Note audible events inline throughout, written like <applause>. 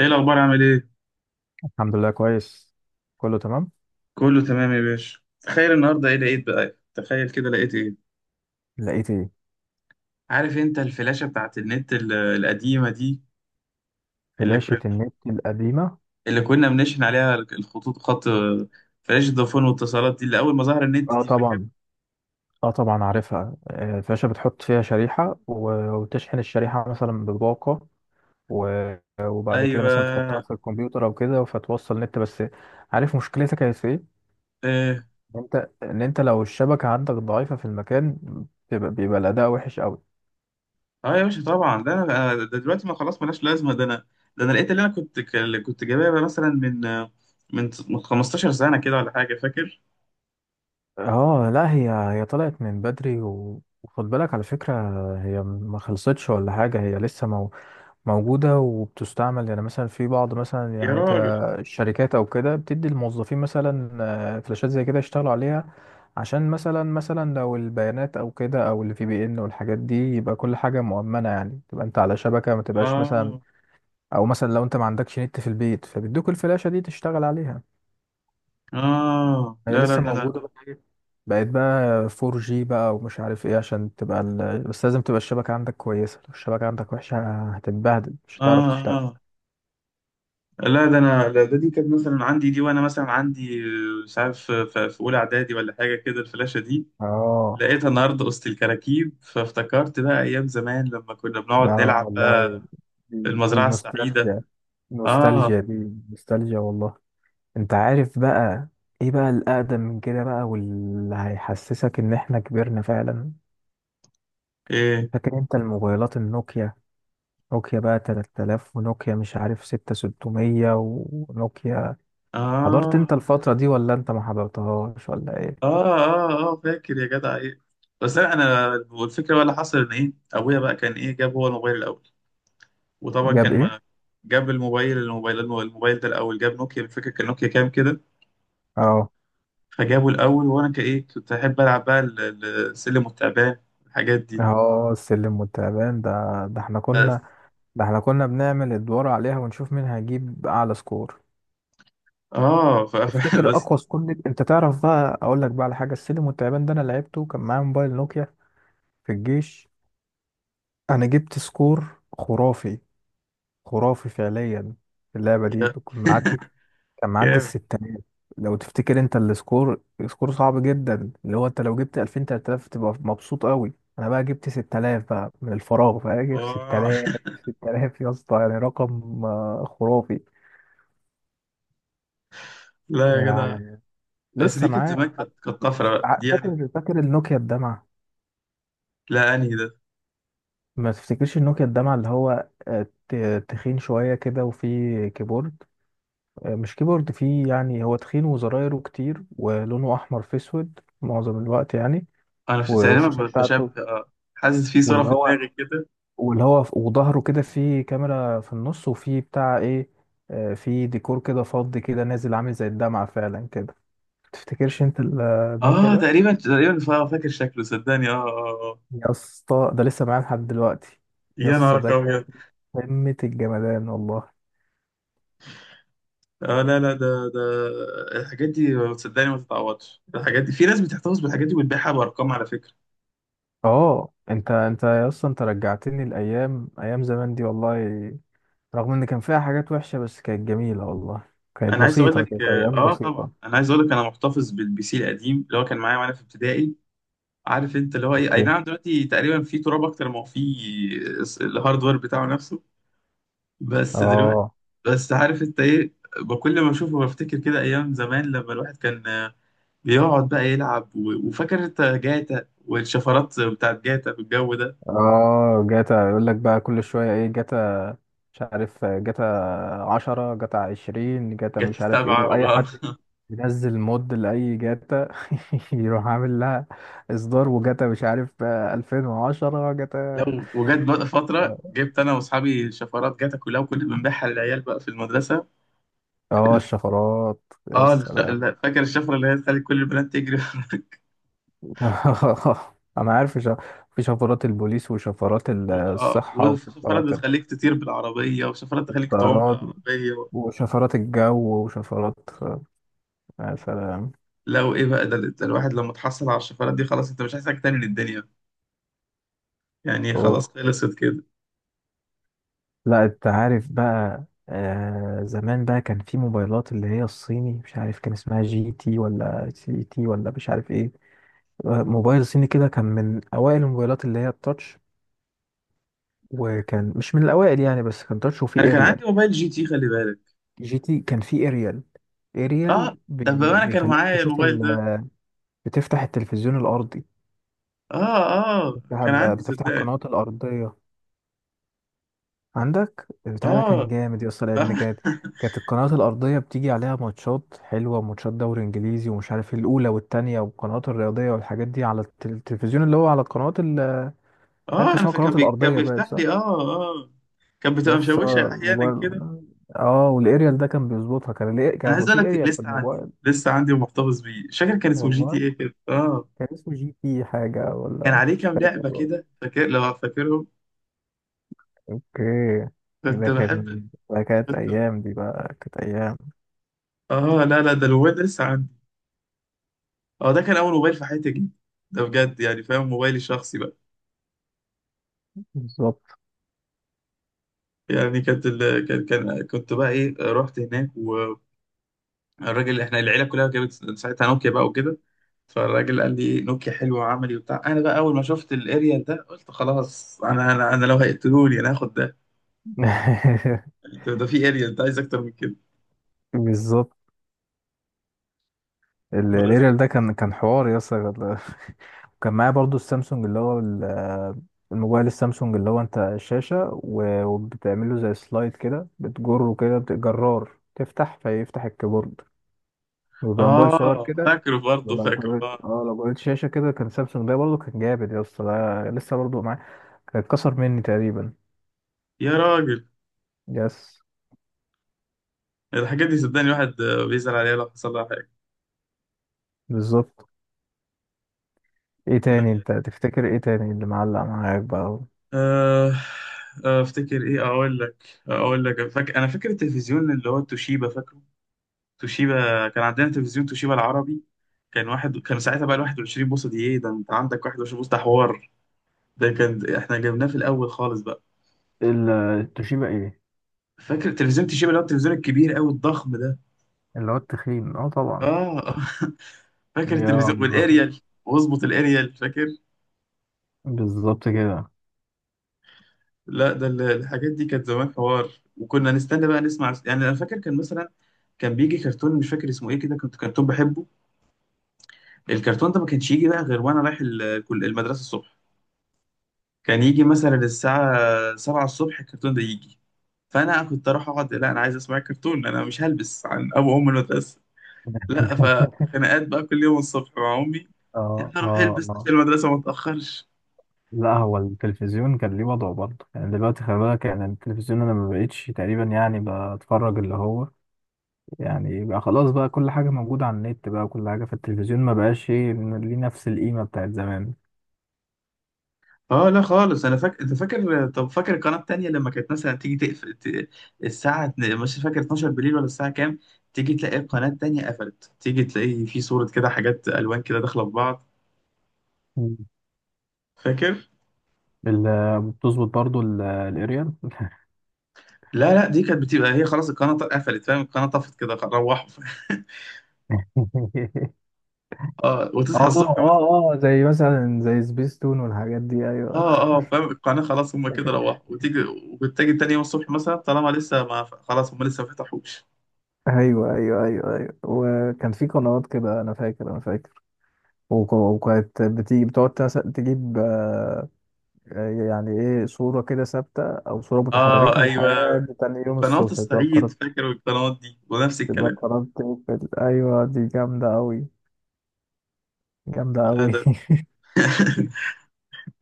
ايه الاخبار؟ عامل ايه؟ الحمد لله كويس. كله تمام. كله تمام يا باشا. تخيل النهارده ايه لقيت بقى، تخيل كده لقيت ايه؟ لقيت ايه. عارف انت الفلاشه بتاعت النت القديمه دي، اللي فلاشة كنا النت القديمة. اللي كنا بنشحن عليها الخطوط، خط فلاشه فودافون واتصالات دي، اللي اول ما ظهر النت، اه دي فاكر؟ طبعا. اه طبعا عارفها، الفلاشة بتحط فيها شريحة وتشحن الشريحة مثلا بباقة و- وبعد كده مثلا تحطها ايوه. في الكمبيوتر او كده فتوصل نت بس. عارف مشكلتها كانت في ايه؟ اه. ان انت لو الشبكة عندك ضعيفة في المكان بيبقى الاداء وحش قوي. اه يا باشا طبعا، ده انا ده دلوقتي ما خلاص ملاش لازمه، ده انا ده انا لقيت اللي انا كنت كنت جايبها مثلا من 15 سنه كده ولا حاجه، فاكر؟ اه، لا هي طلعت من بدري وخد بالك على فكرة، هي ما خلصتش ولا حاجة، هي لسه موجودة وبتستعمل، يعني مثلا في بعض مثلا يا يعني راجل. الشركات أو كده بتدي الموظفين مثلا فلاشات زي كده يشتغلوا عليها. عشان مثلا لو البيانات أو كده أو الفي بي إن والحاجات دي يبقى كل حاجة مؤمنة، يعني تبقى أنت على شبكة، ما تبقاش مثلا. اه. أو مثلا لو أنت ما عندكش نت في البيت فبيدوك الفلاشة دي تشتغل عليها. اه. هي لا لا، لسه ده موجودة انا. بقى بقت بقى 4G بقى ومش عارف إيه، عشان تبقى بس لازم تبقى الشبكة عندك كويسة، لو الشبكة عندك وحشة هتتبهدل، مش هتعرف اه. تشتغل. اه. لا ده انا. لا، ده دي كانت مثلا عندي دي، وانا مثلا عندي مش عارف في اولى اعدادي ولا حاجه كده الفلاشه دي. اه. لقيتها النهارده وسط الكراكيب، فافتكرت بقى ايام زمان لما كنا بنقعد اه نلعب بقى والله، في دي المزرعه السعيده. نوستالجيا. اه. نوستالجيا دي، نوستالجيا والله. انت عارف بقى ايه بقى الاقدم من كده بقى واللي هيحسسك ان احنا كبرنا فعلا؟ ايه. فاكر انت الموبايلات النوكيا؟ نوكيا بقى 3000 ونوكيا مش عارف 6600 ونوكيا، حضرت انت اه. الفترة دي ولا انت ما حضرتهاش ولا ايه؟ اه. اه. اه، فاكر يا جدع ايه، بس انا والفكره بقى اللي حصل ان ايه ابويا بقى كان ايه جاب هو الموبايل الاول، وطبعا جاب كان ايه. ما جاب الموبايل ده الاول، جاب نوكيا، فاكر كان نوكيا كام كده. اه. فجابوا الأول، وأنا كإيه كنت أحب ألعب بقى السلم والتعبان، الحاجات دي، اه، السلم والتعبان ده، ده احنا بس. كنا ده احنا كنا بنعمل ادوار عليها ونشوف مين هيجيب اعلى سكور. آه ف... ف... <laughs> تفتكر بس. اقوى سكون؟ انت تعرف بقى، اقول لك بقى على حاجه، السلم والتعبان ده انا لعبته كان معايا موبايل نوكيا في الجيش، انا جبت سكور خرافي، خرافي فعليا. في اللعبه دي يا كنت معدي، كان معدي جامد. الستينات. لو تفتكر انت السكور، سكور صعب جدا اللي هو انت لو جبت 2000 3000 تبقى مبسوط قوي. انا بقى جبت 6000 بقى، من الفراغ بقى جبت آه 6000. 6000 يا اسطى، يعني رقم خرافي <laughs> لا يا جدع. يعني. بس لسه دي كانت معايا. زمان، كانت طفرة بقى دي يعني. فاكر، فاكر النوكيا الدمعه؟ لا أنهي ده؟ ما تفتكرش النوكيا الدمع اللي هو تخين شوية كده وفيه كيبورد، مش كيبورد، فيه يعني هو تخين وزرايره كتير ولونه أحمر في أسود معظم الوقت يعني. أنا في تقريبا والشاشة بشبه، بتاعته، حاسس في صورة واللي في هو دماغي كده. واللي هو وظهره كده فيه كاميرا في النص وفيه بتاع إيه، فيه ديكور كده فضي كده نازل عامل زي الدمعة فعلا كده. تفتكرش أنت النوكيا آه، ده؟ تقريبا تقريبا فاكر شكله صدقني. آه. آه. آه. يا اسطى، ده لسه معايا لحد دلوقتي. يا يا نهار اسطى ده أبيض. كان قمة الجمدان والله. آه، لا لا، ده الحاجات دي صدقني ما تتعوضش، الحاجات دي في ناس بتحتفظ بالحاجات دي وبتبيعها بأرقام على فكرة. اه انت اصلا انت رجعتني الايام، ايام زمان دي والله. رغم ان كان فيها حاجات وحشه بس كانت جميله والله، كانت انا عايز اقول بسيطه، لك. كانت ايام طبعا بسيطه. انا عايز اقول لك انا محتفظ بالبي سي القديم اللي هو كان معايا وانا في ابتدائي. عارف انت اللي هو ايه، اي اوكي. نعم، دلوقتي تقريبا في تراب اكتر ما هو في الهاردوير بتاعه نفسه. بس دلوقتي، اه. بس عارف انت ايه، بكل ما اشوفه بفتكر كده ايام زمان لما الواحد كان بيقعد بقى يلعب وفاكر انت جاتا والشفرات بتاعت جاتا والجو ده. اه، جاتا يقول لك بقى كل شويه ايه، جاتا، مش عارف جاتا، 10 جاتا، 20 جاتا، جاتا مش عارف ايه، سبعة واي حد <laughs> ينزل مود لاي جاتا. <laughs> يروح عامل لها اصدار وجاتا مش عارف 2010 جاتا. لو، وجت بقى فترة اه. جبت أنا وأصحابي شفرات جاتا كلها، وكنا بنبيعها للعيال بقى في المدرسة. الشفرات، يا اه، سلام. لا، فاكر الشفرة اللي هي تخلي كل البنات تجري وراك. <laughs> انا عارف شا... في شفرات البوليس وشفرات <laughs> الصحة وشفرات وشفرات بتخليك تطير بالعربية، وشفرات تخليك تعوم الطيران بالعربية، و... وشفرات الجو وشفرات، يا سلام. لا، وإيه بقى؟ ده الواحد لما تحصل على الشفرات دي خلاص أنت مش عايز حاجة تاني من الدنيا، يعني أوه. خلاص خلصت كده. لا انت عارف بقى، آه زمان بقى كان في موبايلات اللي هي الصيني، مش عارف كان اسمها جي تي ولا سي تي ولا مش عارف ايه. موبايل صيني كده كان من اوائل الموبايلات اللي هي التاتش، وكان مش من الاوائل يعني بس كان تاتش أنا وفيه كان اريال. عندي موبايل جي تي، خلي بالك. جي تي كان فيه اريال، اريال اه، طب بما أنا كان بيخليك معايا تشوف، الموبايل ده، بتفتح التلفزيون الأرضي، اه، اه، كان عندي بتفتح صدقني. القنوات الأرضية. عندك البتاع ده كان اه. جامد يا اسطى، اه. <laughs> لأن كانت القنوات الأرضية بتيجي عليها ماتشات حلوة، ماتشات دوري إنجليزي ومش عارف إيه، الأولى والتانية والقنوات الرياضية والحاجات دي، على التلفزيون اللي هو على القنوات مش عارف اه كان انا اسمها فكان القنوات كان الأرضية بقى، بيفتح صح؟ لي. اه. اه، كان يا بتبقى اسطى مشوشه احيانا كده. الموبايل، اه والاريال ده كان بيظبطها، كان ليه انا عايز كان في اقول لك اريال في لسه عندي، الموبايل؟ لسه عندي ومحتفظ بيه، مش فاكر كان اسمه جي تي والله ايه كده، اه. كان اسمه جي تي حاجة كان ولا عليه مش كام لعبه فاكر. كده، فاكر لو فاكرهم؟ اوكي. كنت ده بحب. كان، ده كانت كنت ايام دي بقى، كانت ايام. اه لا لا، ده الموبايل ده لسه عندي. اه، ده كان اول موبايل في حياتي جدا ده بجد، يعني فاهم، موبايلي الشخصي بقى. بالظبط. يعني كانت كان كنت بقى ايه رحت هناك، والراجل احنا العيله كلها جابت ساعتها نوكيا بقى وكده. فالراجل قال لي نوكيا حلوه وعملي وبتاع. انا بقى اول ما شفت الاريال ده قلت خلاص، انا لو هيقتلوني انا هاخد ده. <laughs> يعني ده في اريال، ده عايز اكتر من كده. بالظبط. بس. الاريال ده كان حوار يا اسطى ال-. <laughs> وكان معايا برضو السامسونج اللي هو ال-، الموبايل السامسونج اللي هو انت الشاشة وبتعمله زي سلايد كده، بتجره كده، جرار، تفتح فيفتح الكيبورد وبيبقى موبايل صغير اه، كده. فاكره برضه، ولو فاكره. جريت، اه. اه لو جريت شاشة كده، كان سامسونج ده برضو كان جامد يا اسطى، ده لسه برضو معايا، كان اتكسر مني تقريبا. يا راجل، يس. الحاجات دي صدقني الواحد بيزعل عليها لو حصل لها حاجه. بالظبط. ايه تاني، انت تفتكر ايه تاني اللي معلق معاك بقى؟ آه، افتكر ايه، اقول لك اقول لك فاكر، انا فاكر التلفزيون اللي هو توشيبا، فاكره؟ توشيبا، كان عندنا تلفزيون توشيبا العربي. كان واحد كان ساعتها بقى ال 21 بوصه دي، ايه ده انت عندك 21 بوصه؟ ده حوار ده، كان احنا جبناه في الاول خالص بقى. التوشيبا ايه. فاكر تلفزيون توشيبا اللي هو التلفزيون الكبير قوي الضخم ده. اللي هو التخين، اه طبعا. اه <laughs> آه. فاكر يا التلفزيون الله. والاريال، واظبط الاريال، فاكر؟ بالظبط كده. لا ده الحاجات دي كانت زمان حوار. وكنا نستنى بقى نسمع يعني، انا فاكر كان مثلا كان بيجي كرتون مش فاكر اسمه ايه كده، كنت كرتون بحبه. الكرتون ده ما كانش يجي بقى غير وانا رايح المدرسه الصبح. كان يجي مثلا الساعه 7 الصبح الكرتون ده يجي. فانا كنت اروح اقعد، لا انا عايز اسمع الكرتون، انا مش هلبس عن ابو ام المدرسه، لا. فخناقات بقى كل يوم الصبح مع امي، اه. انت روح اه. البس عشان اه، المدرسه ما تاخرش. لا هو التلفزيون كان ليه وضعه برضه يعني، دلوقتي خلي بالك يعني التلفزيون انا ما بقتش تقريبا يعني بتفرج اللي هو، يعني بقى خلاص بقى كل حاجه موجوده على النت بقى، وكل حاجه في التلفزيون ما بقاش ايه ليه نفس القيمه بتاعت زمان. اه، لا خالص. انا فاكر انت فاكر، طب فاكر القناه التانيه لما كانت مثلا تيجي تقفل الساعه مش فاكر، 12 بالليل ولا الساعه كام، تيجي تلاقي القناه التانيه قفلت، تيجي تلاقي في صوره كده، حاجات الوان كده داخله في بعض، مم. فاكر؟ بتظبط برضه الاريال. لا لا، دي كانت بتبقى هي خلاص القناه قفلت، فاهم، القناه طفت كده روحوا. <laughs> <laughs> اه وتصحى اه. الصبح مثلا. اه. اه، زي مثلا زي سبيس تون والحاجات دي، ايوه. اه. اه فاهم، القناه خلاص هم كده <laughs> روحوا، وتيجي، وتيجي تاني يوم الصبح مثلا طالما لسه ما خلاص، هم لسه ما فتحوش. ايوه، ايوه، ايوه، ايوه، وكان في قنوات كده انا فاكر، انا فاكر وكانت بتيجي بتقعد تجيب يعني ايه، صورة كده ثابتة او صورة اه. متحركة ايوه، لحد تاني يوم وقناه الصبح تبقى الصعيد قررت، فاكر، القنوات دي ونفس تبقى الكلام. قررت تقفل. ايوه دي جامدة اوي، جامدة لا اوي. ده <laughs> <laughs>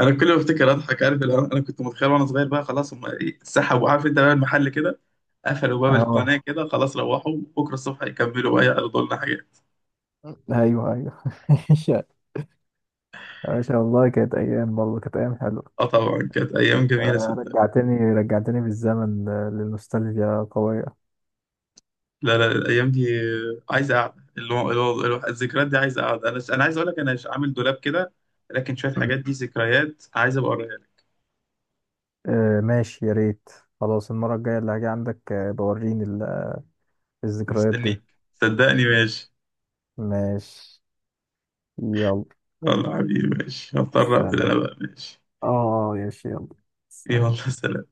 انا كل ما افتكر اضحك. عارف اللي هو انا كنت متخيل وانا صغير بقى، خلاص هم سحبوا، عارف انت بقى المحل كده قفلوا باب اه، القناه كده خلاص، روحوا بكره الصبح يكملوا بقى يعرضوا لنا حاجات. ايوه، ايوه. <laughs> يا باشا والله كانت ايام برضه، كانت ايام حلوة. اه طبعا كانت ايام جميله صدق. رجعتني، رجعتني بالزمن للنوستالجيا قوية. لا لا، الايام دي عايزه قعده، اللي هو الذكريات دي عايزه قعده. انا عايز اقول لك انا عامل دولاب كده، لكن شويه حاجات مم. دي ذكريات، عايز ابقى اوريها لك. آه ماشي، يا ريت. خلاص المرة الجاية اللي هاجي عندك بوريني الذكريات دي. مستنيك صدقني. ماشي. ماشي. يلا. يلا حبيبي ماشي، هضطر اقفل انا سلام. بقى، ماشي. اه. يا شيخ يلا. يلا سلام. سلام.